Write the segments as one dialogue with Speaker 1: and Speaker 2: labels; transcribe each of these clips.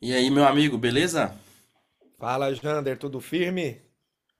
Speaker 1: E aí, meu amigo, beleza?
Speaker 2: Fala, Jander, tudo firme?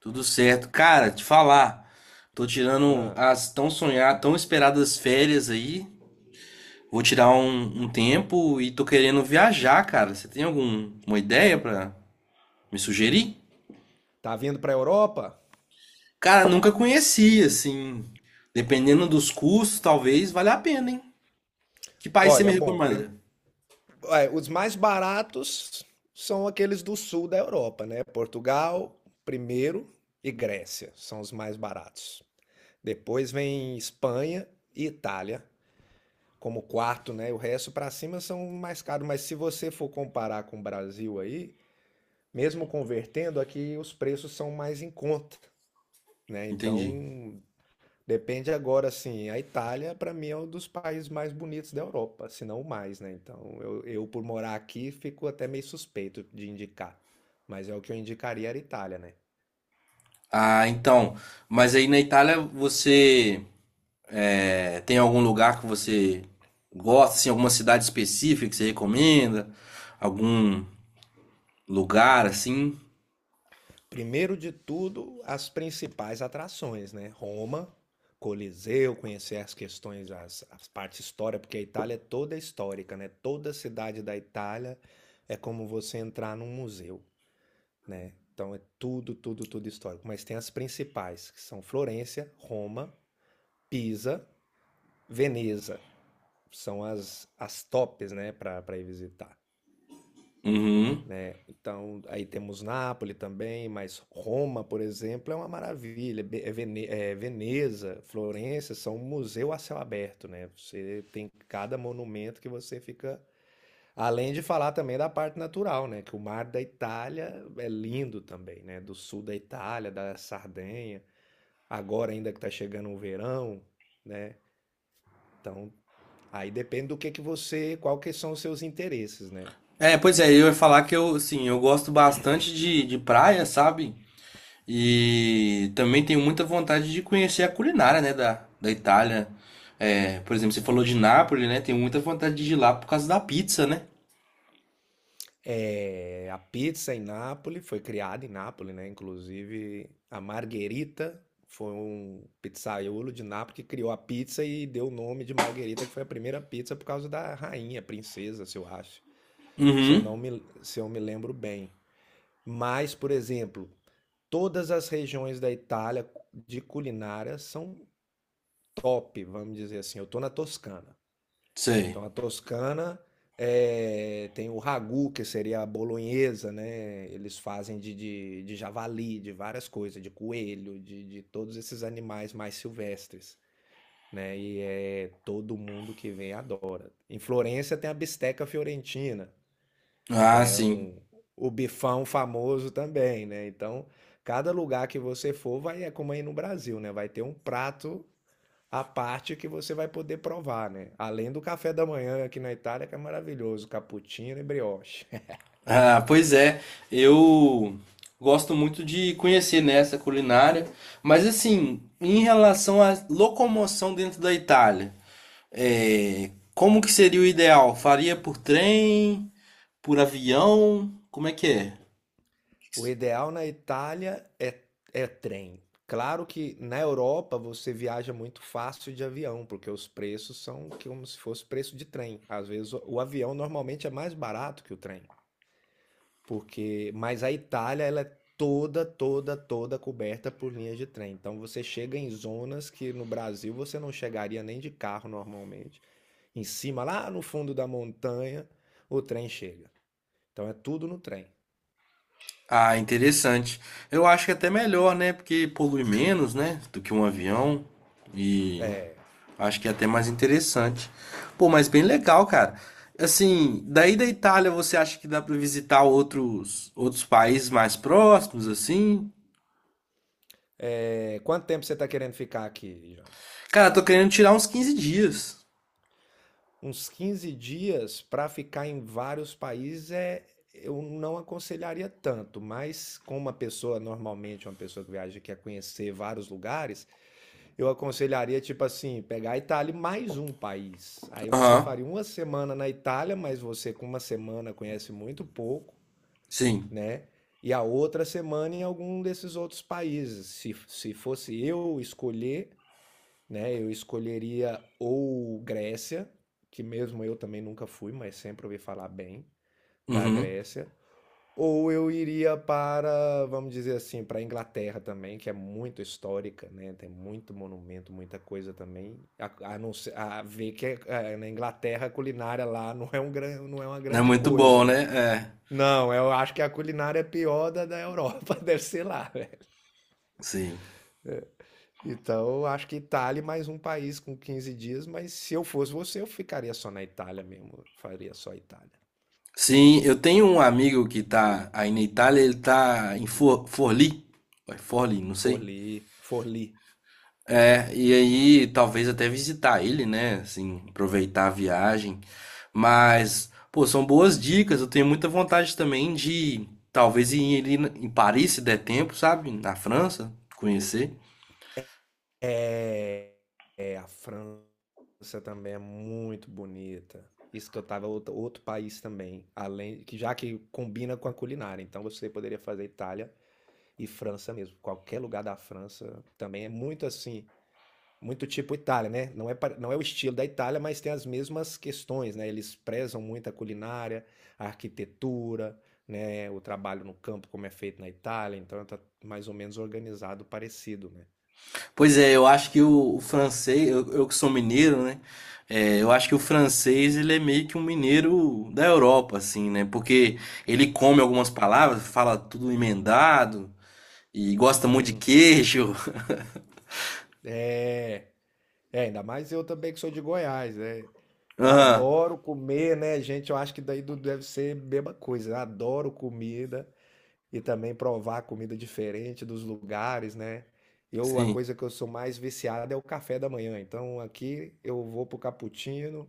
Speaker 1: Tudo certo. Cara, te falar, tô tirando
Speaker 2: Ah,
Speaker 1: as tão sonhadas, tão esperadas férias aí. Vou tirar um tempo e tô querendo viajar, cara. Você tem alguma ideia pra me sugerir?
Speaker 2: tá vindo para a Europa?
Speaker 1: Cara, nunca conheci, assim. Dependendo dos custos, talvez valha a pena, hein? Que país você me
Speaker 2: Olha, bom,
Speaker 1: recomenda?
Speaker 2: os mais baratos são aqueles do sul da Europa, né? Portugal, primeiro, e Grécia são os mais baratos. Depois vem Espanha e Itália como quarto, né? O resto para cima são mais caros, mas se você for comparar com o Brasil aí, mesmo convertendo aqui, os preços são mais em conta, né?
Speaker 1: Entendi.
Speaker 2: Então, depende agora, assim, a Itália para mim é um dos países mais bonitos da Europa, se não o mais, né? Então, eu por morar aqui fico até meio suspeito de indicar, mas é o que eu indicaria era a Itália, né?
Speaker 1: Ah, então. Mas aí na Itália você É, tem algum lugar que você gosta, assim, alguma cidade específica que você recomenda? Algum lugar, assim?
Speaker 2: Primeiro de tudo, as principais atrações, né? Roma, Coliseu, conhecer as questões, as partes histórica, porque a Itália é toda histórica, né? Toda cidade da Itália é como você entrar num museu, né? Então é tudo, tudo, tudo histórico. Mas tem as principais, que são Florença, Roma, Pisa, Veneza, são as tops, né, para ir visitar,
Speaker 1: Uhum.
Speaker 2: né. Então, aí temos Nápoles também, mas Roma, por exemplo, é uma maravilha. Be é Vene eh, Veneza, Florença, são um museu a céu aberto, né, você tem cada monumento que você fica, além de falar também da parte natural, né, que o mar da Itália é lindo também, né, do sul da Itália, da Sardenha, agora ainda que tá chegando o verão, né, então aí depende do que você, qual que são os seus interesses, né?
Speaker 1: É, pois é, eu ia falar que eu, assim, eu gosto bastante de praia, sabe? E também tenho muita vontade de conhecer a culinária, né, da Itália. É, por exemplo, você falou de Nápoles, né? Tenho muita vontade de ir lá por causa da pizza, né?
Speaker 2: É, a pizza em Nápoles foi criada em Nápoles, né? Inclusive a Margherita foi um pizzaiolo de Nápoles que criou a pizza e deu o nome de Margherita, que foi a primeira pizza por causa da rainha, princesa, se eu acho, se eu
Speaker 1: Uhum.
Speaker 2: não me, se eu me lembro bem. Mas, por exemplo, todas as regiões da Itália de culinária são top, vamos dizer assim. Eu tô na Toscana.
Speaker 1: Sei.
Speaker 2: Então a Toscana tem o ragu, que seria a bolonhesa, né? Eles fazem de javali, de várias coisas, de coelho, de todos esses animais mais silvestres, né? E é todo mundo que vem adora. Em Florença tem a bisteca fiorentina, que
Speaker 1: Ah,
Speaker 2: é
Speaker 1: sim.
Speaker 2: um o bifão famoso também, né? Então, cada lugar que você for vai é como aí no Brasil, né? Vai ter um prato a parte que você vai poder provar, né? Além do café da manhã aqui na Itália, que é maravilhoso, cappuccino e brioche.
Speaker 1: Ah, pois é, eu gosto muito de conhecer nessa culinária, mas assim, em relação à locomoção dentro da Itália, é, como que seria o ideal? Faria por trem, por avião? Como é que é?
Speaker 2: O ideal na Itália é trem. Claro que na Europa você viaja muito fácil de avião, porque os preços são como se fosse preço de trem. Às vezes o avião normalmente é mais barato que o trem. Porque, mas a Itália, ela é toda, toda, toda coberta por linhas de trem. Então você chega em zonas que no Brasil você não chegaria nem de carro normalmente. Em cima, lá no fundo da montanha, o trem chega. Então é tudo no trem.
Speaker 1: Ah, interessante. Eu acho que é até melhor, né? Porque polui menos, né? Do que um avião. E
Speaker 2: É.
Speaker 1: acho que é até mais interessante. Pô, mas bem legal, cara. Assim, daí da Itália, você acha que dá pra visitar outros países mais próximos, assim?
Speaker 2: É, quanto tempo você está querendo ficar aqui, Jana?
Speaker 1: Cara, tô querendo tirar uns 15 dias.
Speaker 2: Uns 15 dias para ficar em vários países, eu não aconselharia tanto, mas como uma pessoa, normalmente uma pessoa que viaja quer conhecer vários lugares, eu aconselharia, tipo assim, pegar a Itália e mais um país. Aí você
Speaker 1: Aham,
Speaker 2: faria uma semana na Itália, mas você com uma semana conhece muito pouco,
Speaker 1: sim.
Speaker 2: né? E a outra semana em algum desses outros países. Se fosse eu escolher, né? Eu escolheria ou Grécia, que mesmo eu também nunca fui, mas sempre ouvi falar bem da
Speaker 1: Uhum.
Speaker 2: Grécia, ou eu iria para, vamos dizer assim, para a Inglaterra também, que é muito histórica, né? Tem muito monumento, muita coisa também. A não ser- a ver que é- na Inglaterra a culinária lá não é uma
Speaker 1: Não é
Speaker 2: grande
Speaker 1: muito
Speaker 2: coisa,
Speaker 1: bom,
Speaker 2: né?
Speaker 1: né? É,
Speaker 2: Não, eu acho que a culinária é pior da da Europa, deve ser lá, né?
Speaker 1: sim.
Speaker 2: Então, eu acho que Itália e mais um país com 15 dias, mas se eu fosse você, eu ficaria só na Itália mesmo, faria só Itália.
Speaker 1: Sim, eu tenho um amigo que tá aí na Itália, ele tá em Forlì. Vai, Forlì, não sei.
Speaker 2: Forli, Forli.
Speaker 1: É, e aí talvez até visitar ele, né? Assim, aproveitar a viagem. Mas, pô, são boas dicas. Eu tenho muita vontade também de talvez ir em Paris, se der tempo, sabe? Na França, conhecer.
Speaker 2: É, é, a França também é muito bonita. Isso que eu tava, outro país também, além que já que combina com a culinária, então você poderia fazer Itália e França mesmo. Qualquer lugar da França também é muito assim, muito tipo Itália, né? Não é, não é o estilo da Itália, mas tem as mesmas questões, né? Eles prezam muito a culinária, a arquitetura, né? O trabalho no campo, como é feito na Itália, então tá mais ou menos organizado, parecido, né?
Speaker 1: Pois é, eu acho que o francês, eu que sou mineiro, né? É, eu acho que o francês, ele é meio que um mineiro da Europa, assim, né? Porque ele come algumas palavras, fala tudo emendado e gosta muito de
Speaker 2: Hum.
Speaker 1: queijo.
Speaker 2: É, é, ainda mais eu também que sou de Goiás, né? Então
Speaker 1: Aham,
Speaker 2: adoro comer, né, gente? Eu acho que daí do- deve ser a mesma coisa, né? Adoro comida, e também provar comida diferente dos lugares, né? Eu, a
Speaker 1: sim.
Speaker 2: coisa que eu sou mais viciado é o café da manhã. Então aqui eu vou pro cappuccino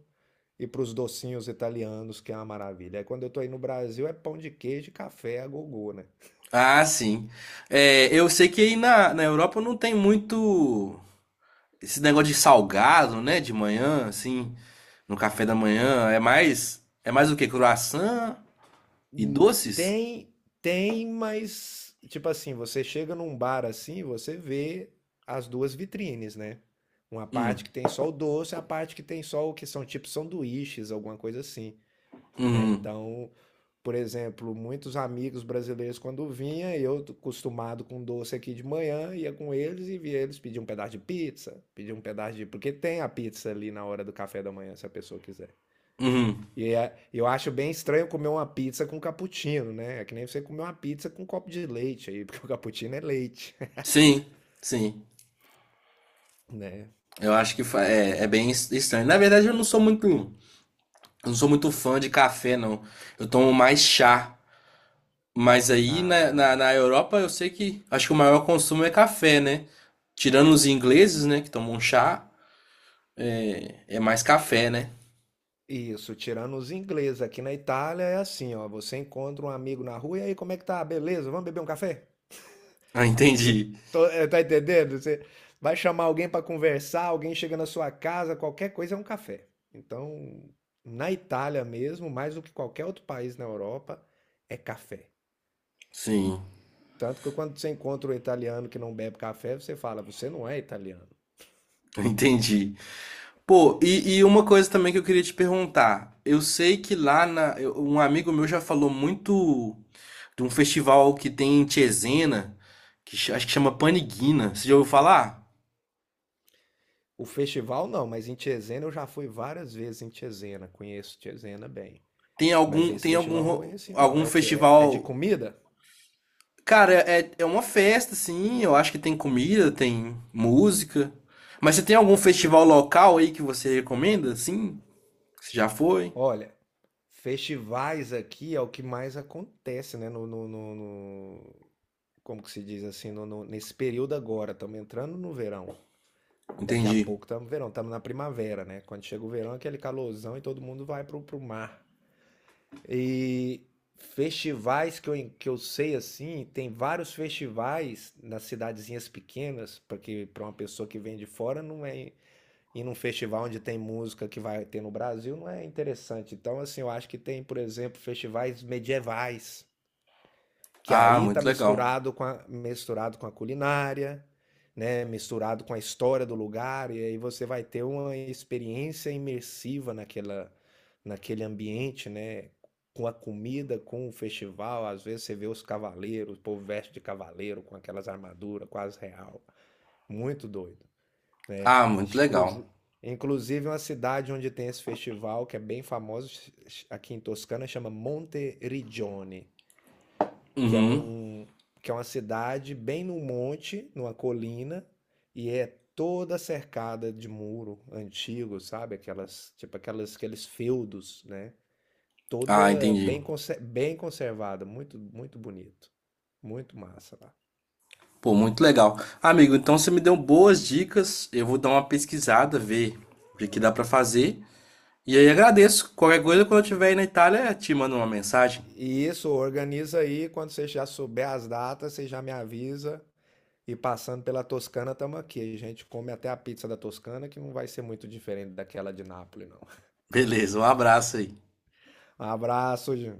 Speaker 2: e pros docinhos italianos, que é uma maravilha. Aí quando eu tô aí no Brasil é pão de queijo e café a gogô, né?
Speaker 1: Ah, sim. É, eu sei que aí na Europa não tem muito esse negócio de salgado, né? De manhã, assim, no café da manhã. É mais o quê? Croissant e
Speaker 2: Hum,
Speaker 1: doces?
Speaker 2: Tem, tem, mas tipo assim, você chega num bar assim, você vê as duas vitrines, né? Uma parte
Speaker 1: Hum,
Speaker 2: que tem só o doce, a parte que tem só o que são tipo sanduíches, alguma coisa assim, né?
Speaker 1: uhum,
Speaker 2: Então, por exemplo, muitos amigos brasileiros quando vinha, eu acostumado com doce aqui de manhã, ia com eles e via eles pedir um pedaço de pizza, pedir um pedaço de, porque tem a pizza ali na hora do café da manhã, se a pessoa quiser.
Speaker 1: uhum.
Speaker 2: Eu acho bem estranho comer uma pizza com cappuccino, né? É que nem você comer uma pizza com um copo de leite aí, porque o cappuccino é leite,
Speaker 1: Sim, sim.
Speaker 2: né?
Speaker 1: Eu acho que é, é bem estranho. Na verdade, eu não sou muito fã de café, não. Eu tomo mais chá. Mas aí
Speaker 2: Ah,
Speaker 1: na Europa eu sei que acho que o maior consumo é café, né? Tirando os ingleses, né, que tomam chá. É, é mais café, né?
Speaker 2: isso, tirando os ingleses, aqui na Itália é assim, ó, você encontra um amigo na rua e aí, como é que tá? Beleza? Vamos beber um café?
Speaker 1: Ah,
Speaker 2: Que-
Speaker 1: entendi.
Speaker 2: tá entendendo? Você vai chamar alguém para conversar, alguém chega na sua casa, qualquer coisa é um café. Então, na Itália mesmo, mais do que qualquer outro país na Europa, é café.
Speaker 1: Sim,
Speaker 2: Tanto que quando você encontra um italiano que não bebe café, você fala, você não é italiano.
Speaker 1: entendi. Pô, e uma coisa também que eu queria te perguntar. Eu sei que lá um amigo meu já falou muito de um festival que tem em Tiesena, que acho que chama Paniguina. Você já ouviu falar?
Speaker 2: O festival não, mas em Cesena eu já fui várias vezes em Cesena, conheço Cesena bem. Mas esse festival eu não conheci, não. É
Speaker 1: Algum
Speaker 2: o quê? É, é de
Speaker 1: festival.
Speaker 2: comida?
Speaker 1: Cara, é, é uma festa, sim. Eu acho que tem comida, tem música. Mas você tem algum
Speaker 2: É porque,
Speaker 1: festival local aí que você recomenda? Sim, você já foi?
Speaker 2: olha, festivais aqui é o que mais acontece, né? Como que se diz assim, nesse período agora, estamos entrando no verão. Daqui a
Speaker 1: Entendi.
Speaker 2: pouco estamos no verão, estamos na primavera, né? Quando chega o verão, é aquele calorzão e todo mundo vai pro, pro mar. E festivais que eu sei assim, tem vários festivais nas cidadezinhas pequenas, porque para uma pessoa que vem de fora não é ir num festival onde tem música que vai ter no Brasil não é interessante. Então, assim, eu acho que tem, por exemplo, festivais medievais, que
Speaker 1: Ah,
Speaker 2: aí tá
Speaker 1: muito legal.
Speaker 2: misturado com a culinária, né? Misturado com a história do lugar, e aí você vai ter uma experiência imersiva naquele ambiente, né? Com a comida, com o festival, às vezes você vê os cavaleiros, o povo veste de cavaleiro com aquelas armaduras quase real. Muito doido, né?
Speaker 1: Ah, muito legal.
Speaker 2: Exclusi- Inclusive uma cidade onde tem esse festival que é bem famoso aqui em Toscana chama Monteriggioni, que é
Speaker 1: Uhum.
Speaker 2: um que é uma cidade bem no monte, numa colina e é toda cercada de muro antigo, sabe? Aquelas, tipo aquelas, aqueles feudos, né?
Speaker 1: Ah,
Speaker 2: Toda
Speaker 1: entendi.
Speaker 2: bem conservada, muito muito bonito, muito massa lá.
Speaker 1: Pô, muito legal. Amigo, então você me deu boas dicas. Eu vou dar uma pesquisada, ver o que que dá pra fazer. E aí agradeço. Qualquer coisa, quando eu estiver aí na Itália, te mando uma mensagem.
Speaker 2: E isso organiza aí quando você já souber as datas, você já me avisa. E passando pela Toscana, estamos aqui. A gente come até a pizza da Toscana, que não vai ser muito diferente daquela de Nápoles, não.
Speaker 1: Beleza, um abraço aí.
Speaker 2: Um abraço, Ju.